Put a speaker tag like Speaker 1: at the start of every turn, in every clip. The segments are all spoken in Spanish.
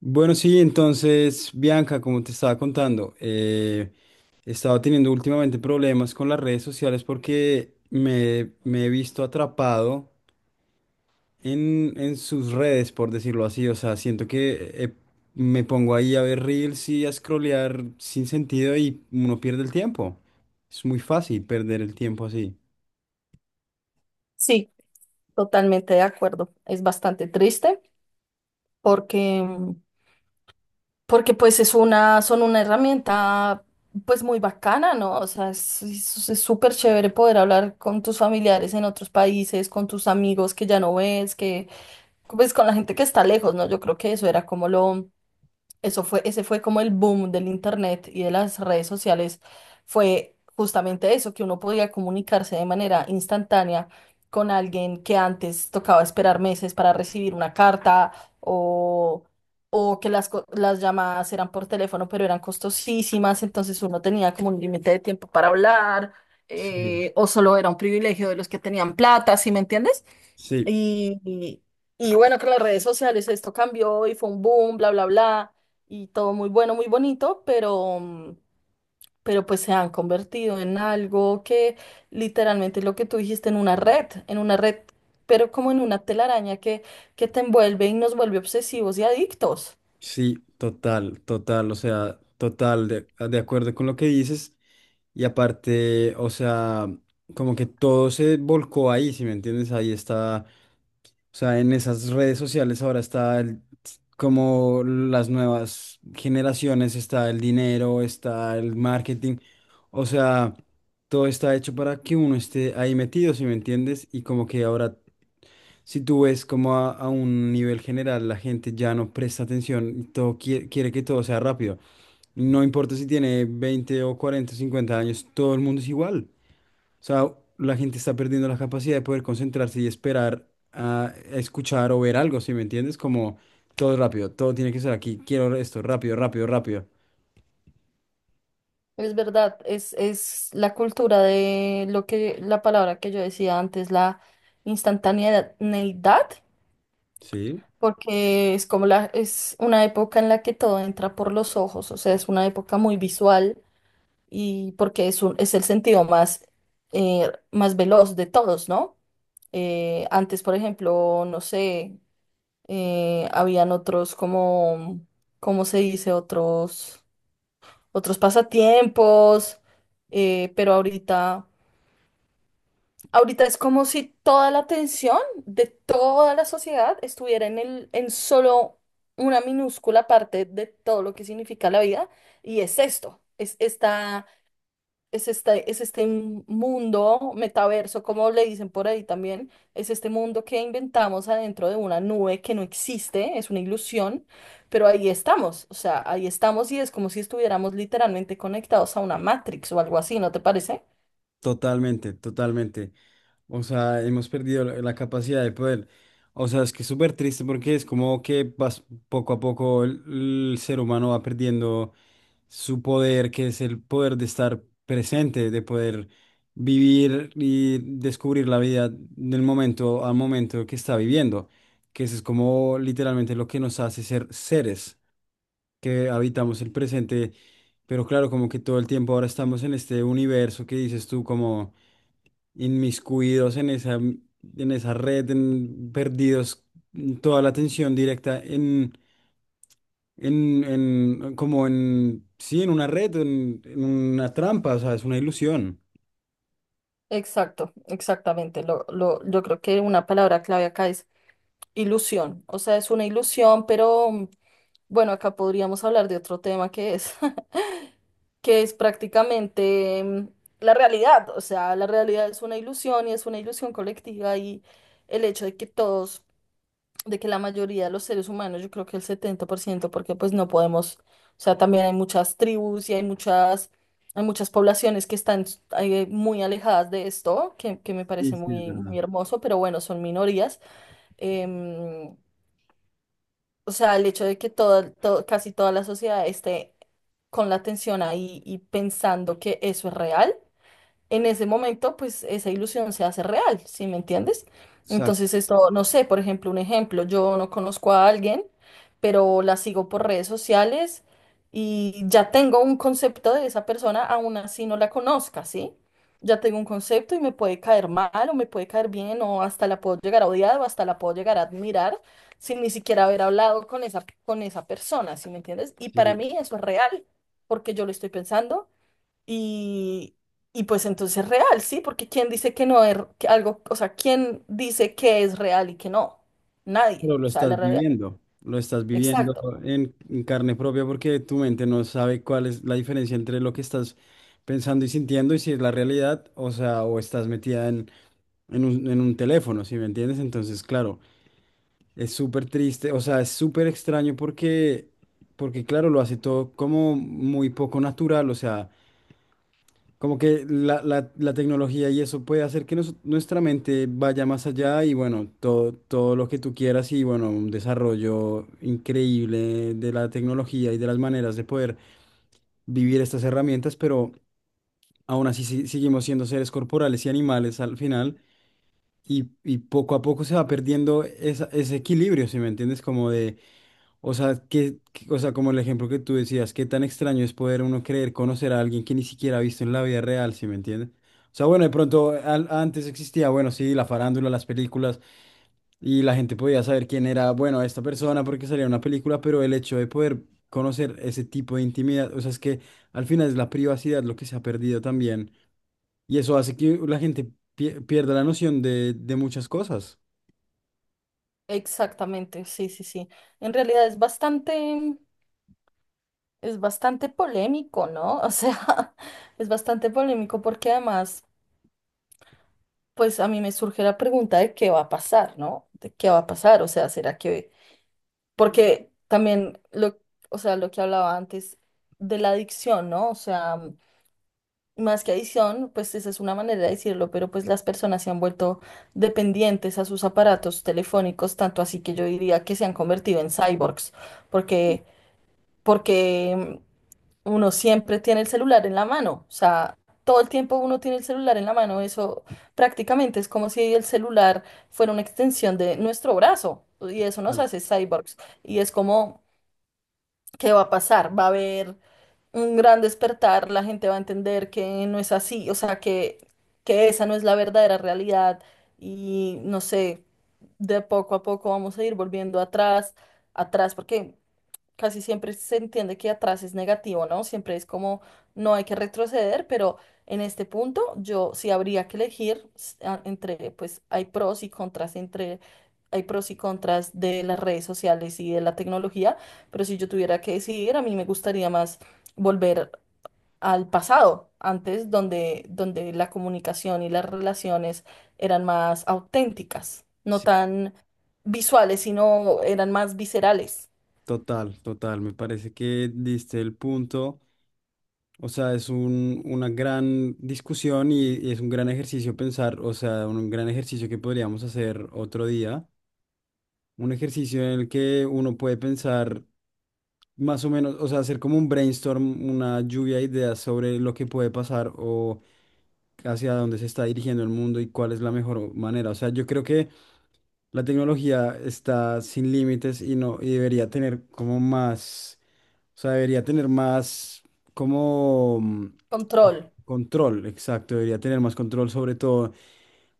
Speaker 1: Bueno, sí, entonces, Bianca, como te estaba contando, he estado teniendo últimamente problemas con las redes sociales porque me he visto atrapado en sus redes, por decirlo así. O sea, siento que me pongo ahí a ver reels y a scrollear sin sentido y uno pierde el tiempo. Es muy fácil perder el tiempo así.
Speaker 2: Sí, totalmente de acuerdo. Es bastante triste porque, porque es son una herramienta pues muy bacana, ¿no? O sea, es súper chévere poder hablar con tus familiares en otros países, con tus amigos que ya no ves, que pues con la gente que está lejos, ¿no? Yo creo que eso era como lo, Eso fue, ese fue como el boom del internet y de las redes sociales. Fue justamente eso, que uno podía comunicarse de manera instantánea con alguien que antes tocaba esperar meses para recibir una carta o, o que las llamadas eran por teléfono, pero eran costosísimas, entonces uno tenía como un límite de tiempo para hablar,
Speaker 1: Sí.
Speaker 2: o solo era un privilegio de los que tenían plata, ¿sí me entiendes?
Speaker 1: Sí.
Speaker 2: Y, y- bueno, con las redes sociales esto cambió y fue un boom, bla, bla, bla, y todo muy bueno, muy bonito, pero, pero pues se han convertido en algo que literalmente lo que tú dijiste, en en una red, pero como en una telaraña que te envuelve y nos vuelve obsesivos y adictos.
Speaker 1: Sí, total, total, o sea, total, de acuerdo con lo que dices. Y aparte, o sea, como que todo se volcó ahí, si me entiendes, ahí está, o sea, en esas redes sociales ahora como las nuevas generaciones, está el dinero, está el marketing, o sea, todo está hecho para que uno esté ahí metido, si me entiendes, y como que ahora si tú ves como a un nivel general la gente ya no presta atención y todo quiere que todo sea rápido. No importa si tiene 20 o 40 o 50 años, todo el mundo es igual. O sea, la gente está perdiendo la capacidad de poder concentrarse y esperar a escuchar o ver algo, ¿sí me entiendes? Como todo es rápido, todo tiene que ser aquí, quiero esto, rápido, rápido, rápido.
Speaker 2: Es verdad, es la cultura de lo que, la palabra que yo decía antes, la instantaneidad,
Speaker 1: Sí,
Speaker 2: porque es una época en la que todo entra por los ojos, o sea, es una época muy visual y porque es el sentido más, más veloz de todos, ¿no? Antes, por ejemplo, no sé, habían otros como, ¿cómo se dice? Otros pasatiempos, pero ahorita es como si toda la atención de toda la sociedad estuviera en en solo una minúscula parte de todo lo que significa la vida, y es esto, es esta, es este mundo metaverso, como le dicen por ahí también, es este mundo que inventamos adentro de una nube que no existe, es una ilusión, pero ahí estamos, o sea, ahí estamos y es como si estuviéramos literalmente conectados a una Matrix o algo así, ¿no te parece?
Speaker 1: totalmente, totalmente. O sea, hemos perdido la capacidad de poder. O sea, es que es súper triste porque es como que poco a poco el ser humano va perdiendo su poder, que es el poder de estar presente, de poder vivir y descubrir la vida del momento al momento que está viviendo. Que eso es como literalmente lo que nos hace ser seres, que habitamos el presente. Pero claro, como que todo el tiempo ahora estamos en este universo que dices tú como inmiscuidos en esa red, perdidos, toda la atención directa como en, sí, en una red, en una trampa, o sea, es una ilusión.
Speaker 2: Exacto, exactamente. Yo creo que una palabra clave acá es ilusión. O sea, es una ilusión, pero, bueno, acá podríamos hablar de otro tema que es, que es prácticamente, la realidad. O sea, la realidad es una ilusión y es una ilusión colectiva, y el hecho de que la mayoría de los seres humanos, yo creo que el 70%, porque pues no podemos, o sea, también hay muchas tribus y hay hay muchas poblaciones que están, muy alejadas de esto, que me
Speaker 1: Sí,
Speaker 2: parece
Speaker 1: sí, es verdad.
Speaker 2: muy hermoso, pero bueno, son minorías. Em, o sea, el hecho de que casi toda la sociedad esté con la atención ahí y pensando que eso es real en ese momento, pues esa ilusión se hace real, ¿sí me entiendes?
Speaker 1: Exacto.
Speaker 2: Entonces, esto, no sé, por ejemplo, un ejemplo, yo no conozco a alguien, pero la sigo por redes sociales y ya tengo un concepto de esa persona, aún así no la conozca, ¿sí? Ya tengo un concepto y me puede caer mal o me puede caer bien, o hasta la puedo llegar a odiar o hasta la puedo llegar a admirar sin ni siquiera haber hablado con con esa persona, ¿sí me entiendes? Y para
Speaker 1: Sí.
Speaker 2: mí eso es real, porque yo lo estoy pensando y, y pues entonces es real, ¿sí? Porque ¿quién dice que no es que algo, o sea, ¿quién dice que es real y que no? Nadie.
Speaker 1: Pero
Speaker 2: O sea, la realidad.
Speaker 1: lo estás viviendo
Speaker 2: Exacto,
Speaker 1: en carne propia porque tu mente no sabe cuál es la diferencia entre lo que estás pensando y sintiendo y si es la realidad, o sea, o estás metida en un teléfono, ¿si me entiendes? Entonces, claro. Es súper triste, o sea, es súper extraño porque, porque claro, lo hace todo como muy poco natural, o sea, como que la tecnología y eso puede hacer que nuestra mente vaya más allá y bueno, todo, todo lo que tú quieras y bueno, un desarrollo increíble de la tecnología y de las maneras de poder vivir estas herramientas, pero aún así seguimos siendo seres corporales y animales al final y poco a poco se va perdiendo ese equilibrio, ¿si me entiendes? Como de O sea, o sea, como el ejemplo que tú decías, qué tan extraño es poder uno creer conocer a alguien que ni siquiera ha visto en la vida real, ¿sí me entiendes? O sea, bueno, de pronto antes existía, bueno, sí, la farándula, las películas, y la gente podía saber quién era, bueno, esta persona porque salía una película, pero el hecho de poder conocer ese tipo de intimidad, o sea, es que al final es la privacidad lo que se ha perdido también, y eso hace que la gente pierda la noción de muchas cosas.
Speaker 2: exactamente, sí, sí, sí. En realidad es bastante polémico, ¿no? O sea, es bastante polémico, porque además, pues a mí me surge la pregunta de qué va a pasar, ¿no? De qué va a pasar, o sea, ¿será que...? Porque también, o sea, lo que hablaba antes de la adicción, ¿no? O sea... Más que adicción, pues esa es una manera de decirlo, pero pues las personas se han vuelto dependientes a sus aparatos telefónicos, tanto así que yo diría que se han convertido en cyborgs, porque, porque uno siempre tiene el celular en la mano, o sea, todo el tiempo uno tiene el celular en la mano, eso prácticamente es como si el celular fuera una extensión de nuestro brazo, y eso nos
Speaker 1: Vale.
Speaker 2: hace cyborgs, y es como, ¿qué va a pasar? Va a haber un gran despertar, la gente va a entender que no es así, o sea, que esa no es la verdadera realidad y no sé, de poco a poco vamos a ir volviendo atrás, atrás, porque casi siempre se entiende que atrás es negativo, ¿no? Siempre es como no hay que retroceder, pero en este punto yo sí habría que elegir entre, pues hay pros y contras hay pros y contras de las redes sociales y de la tecnología, pero si yo tuviera que decidir, a mí me gustaría más volver al pasado, antes donde la comunicación y las relaciones eran más auténticas, no
Speaker 1: Sí,
Speaker 2: tan visuales, sino eran más viscerales.
Speaker 1: total, total, me parece que diste el punto. O sea, es una gran discusión y es un gran ejercicio pensar, o sea, un gran ejercicio que podríamos hacer otro día. Un ejercicio en el que uno puede pensar más o menos, o sea, hacer como un brainstorm, una lluvia de ideas sobre lo que puede pasar o hacia dónde se está dirigiendo el mundo y cuál es la mejor manera. O sea, yo creo que la tecnología está sin límites y no, y debería tener como más, o sea, debería tener más como
Speaker 2: Control.
Speaker 1: control, exacto, debería tener más control sobre todo.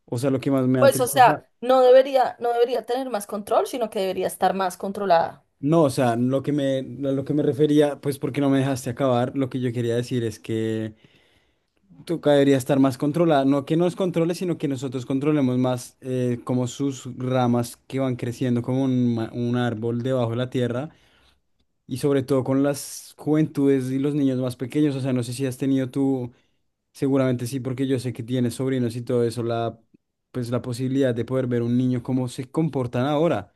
Speaker 1: O sea, lo que más me da
Speaker 2: Pues, o
Speaker 1: tristeza,
Speaker 2: sea, no debería tener más control, sino que debería estar más controlada.
Speaker 1: no, o sea, lo que me, a lo que me refería, pues porque no me dejaste acabar, lo que yo quería decir es que Tuca debería estar más controlada, no que nos controle, sino que nosotros controlemos más como sus ramas que van creciendo como un, un árbol debajo de la tierra y sobre todo con las juventudes y los niños más pequeños. O sea, no sé si has tenido tú, seguramente sí, porque yo sé que tienes sobrinos y todo eso, pues la posibilidad de poder ver un niño cómo se comportan ahora.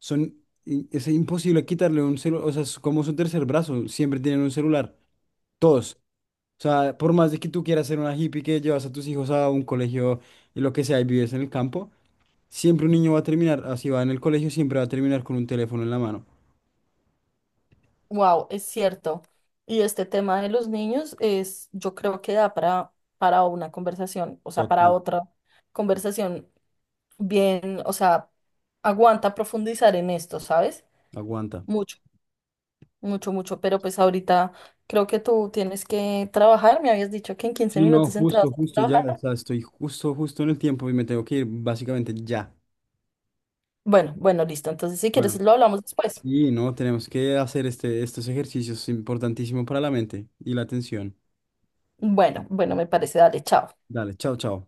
Speaker 1: Son, es imposible quitarle un celular, o sea, es como su tercer brazo, siempre tienen un celular, todos. O sea, por más de que tú quieras ser una hippie que llevas a tus hijos a un colegio y lo que sea y vives en el campo, siempre un niño va a terminar, así va en el colegio, siempre va a terminar con un teléfono en la mano.
Speaker 2: Wow, es cierto. Y este tema de los niños es, yo creo que da para una conversación, o sea, para
Speaker 1: Total.
Speaker 2: otra conversación bien, o sea, aguanta profundizar en esto, ¿sabes?
Speaker 1: Aguanta.
Speaker 2: Mucho, mucho, mucho. Pero pues ahorita creo que tú tienes que trabajar. Me habías dicho que en 15
Speaker 1: Sí, no,
Speaker 2: minutos entrabas
Speaker 1: justo,
Speaker 2: a
Speaker 1: justo ya, o
Speaker 2: trabajar.
Speaker 1: sea, estoy justo, justo en el tiempo y me tengo que ir básicamente ya.
Speaker 2: Bueno, bueno, listo. Entonces, si quieres,
Speaker 1: Bueno,
Speaker 2: lo hablamos después.
Speaker 1: sí, no, tenemos que hacer estos ejercicios importantísimos para la mente y la atención.
Speaker 2: Bueno, bueno, me parece, dale, chao.
Speaker 1: Dale, chao, chao.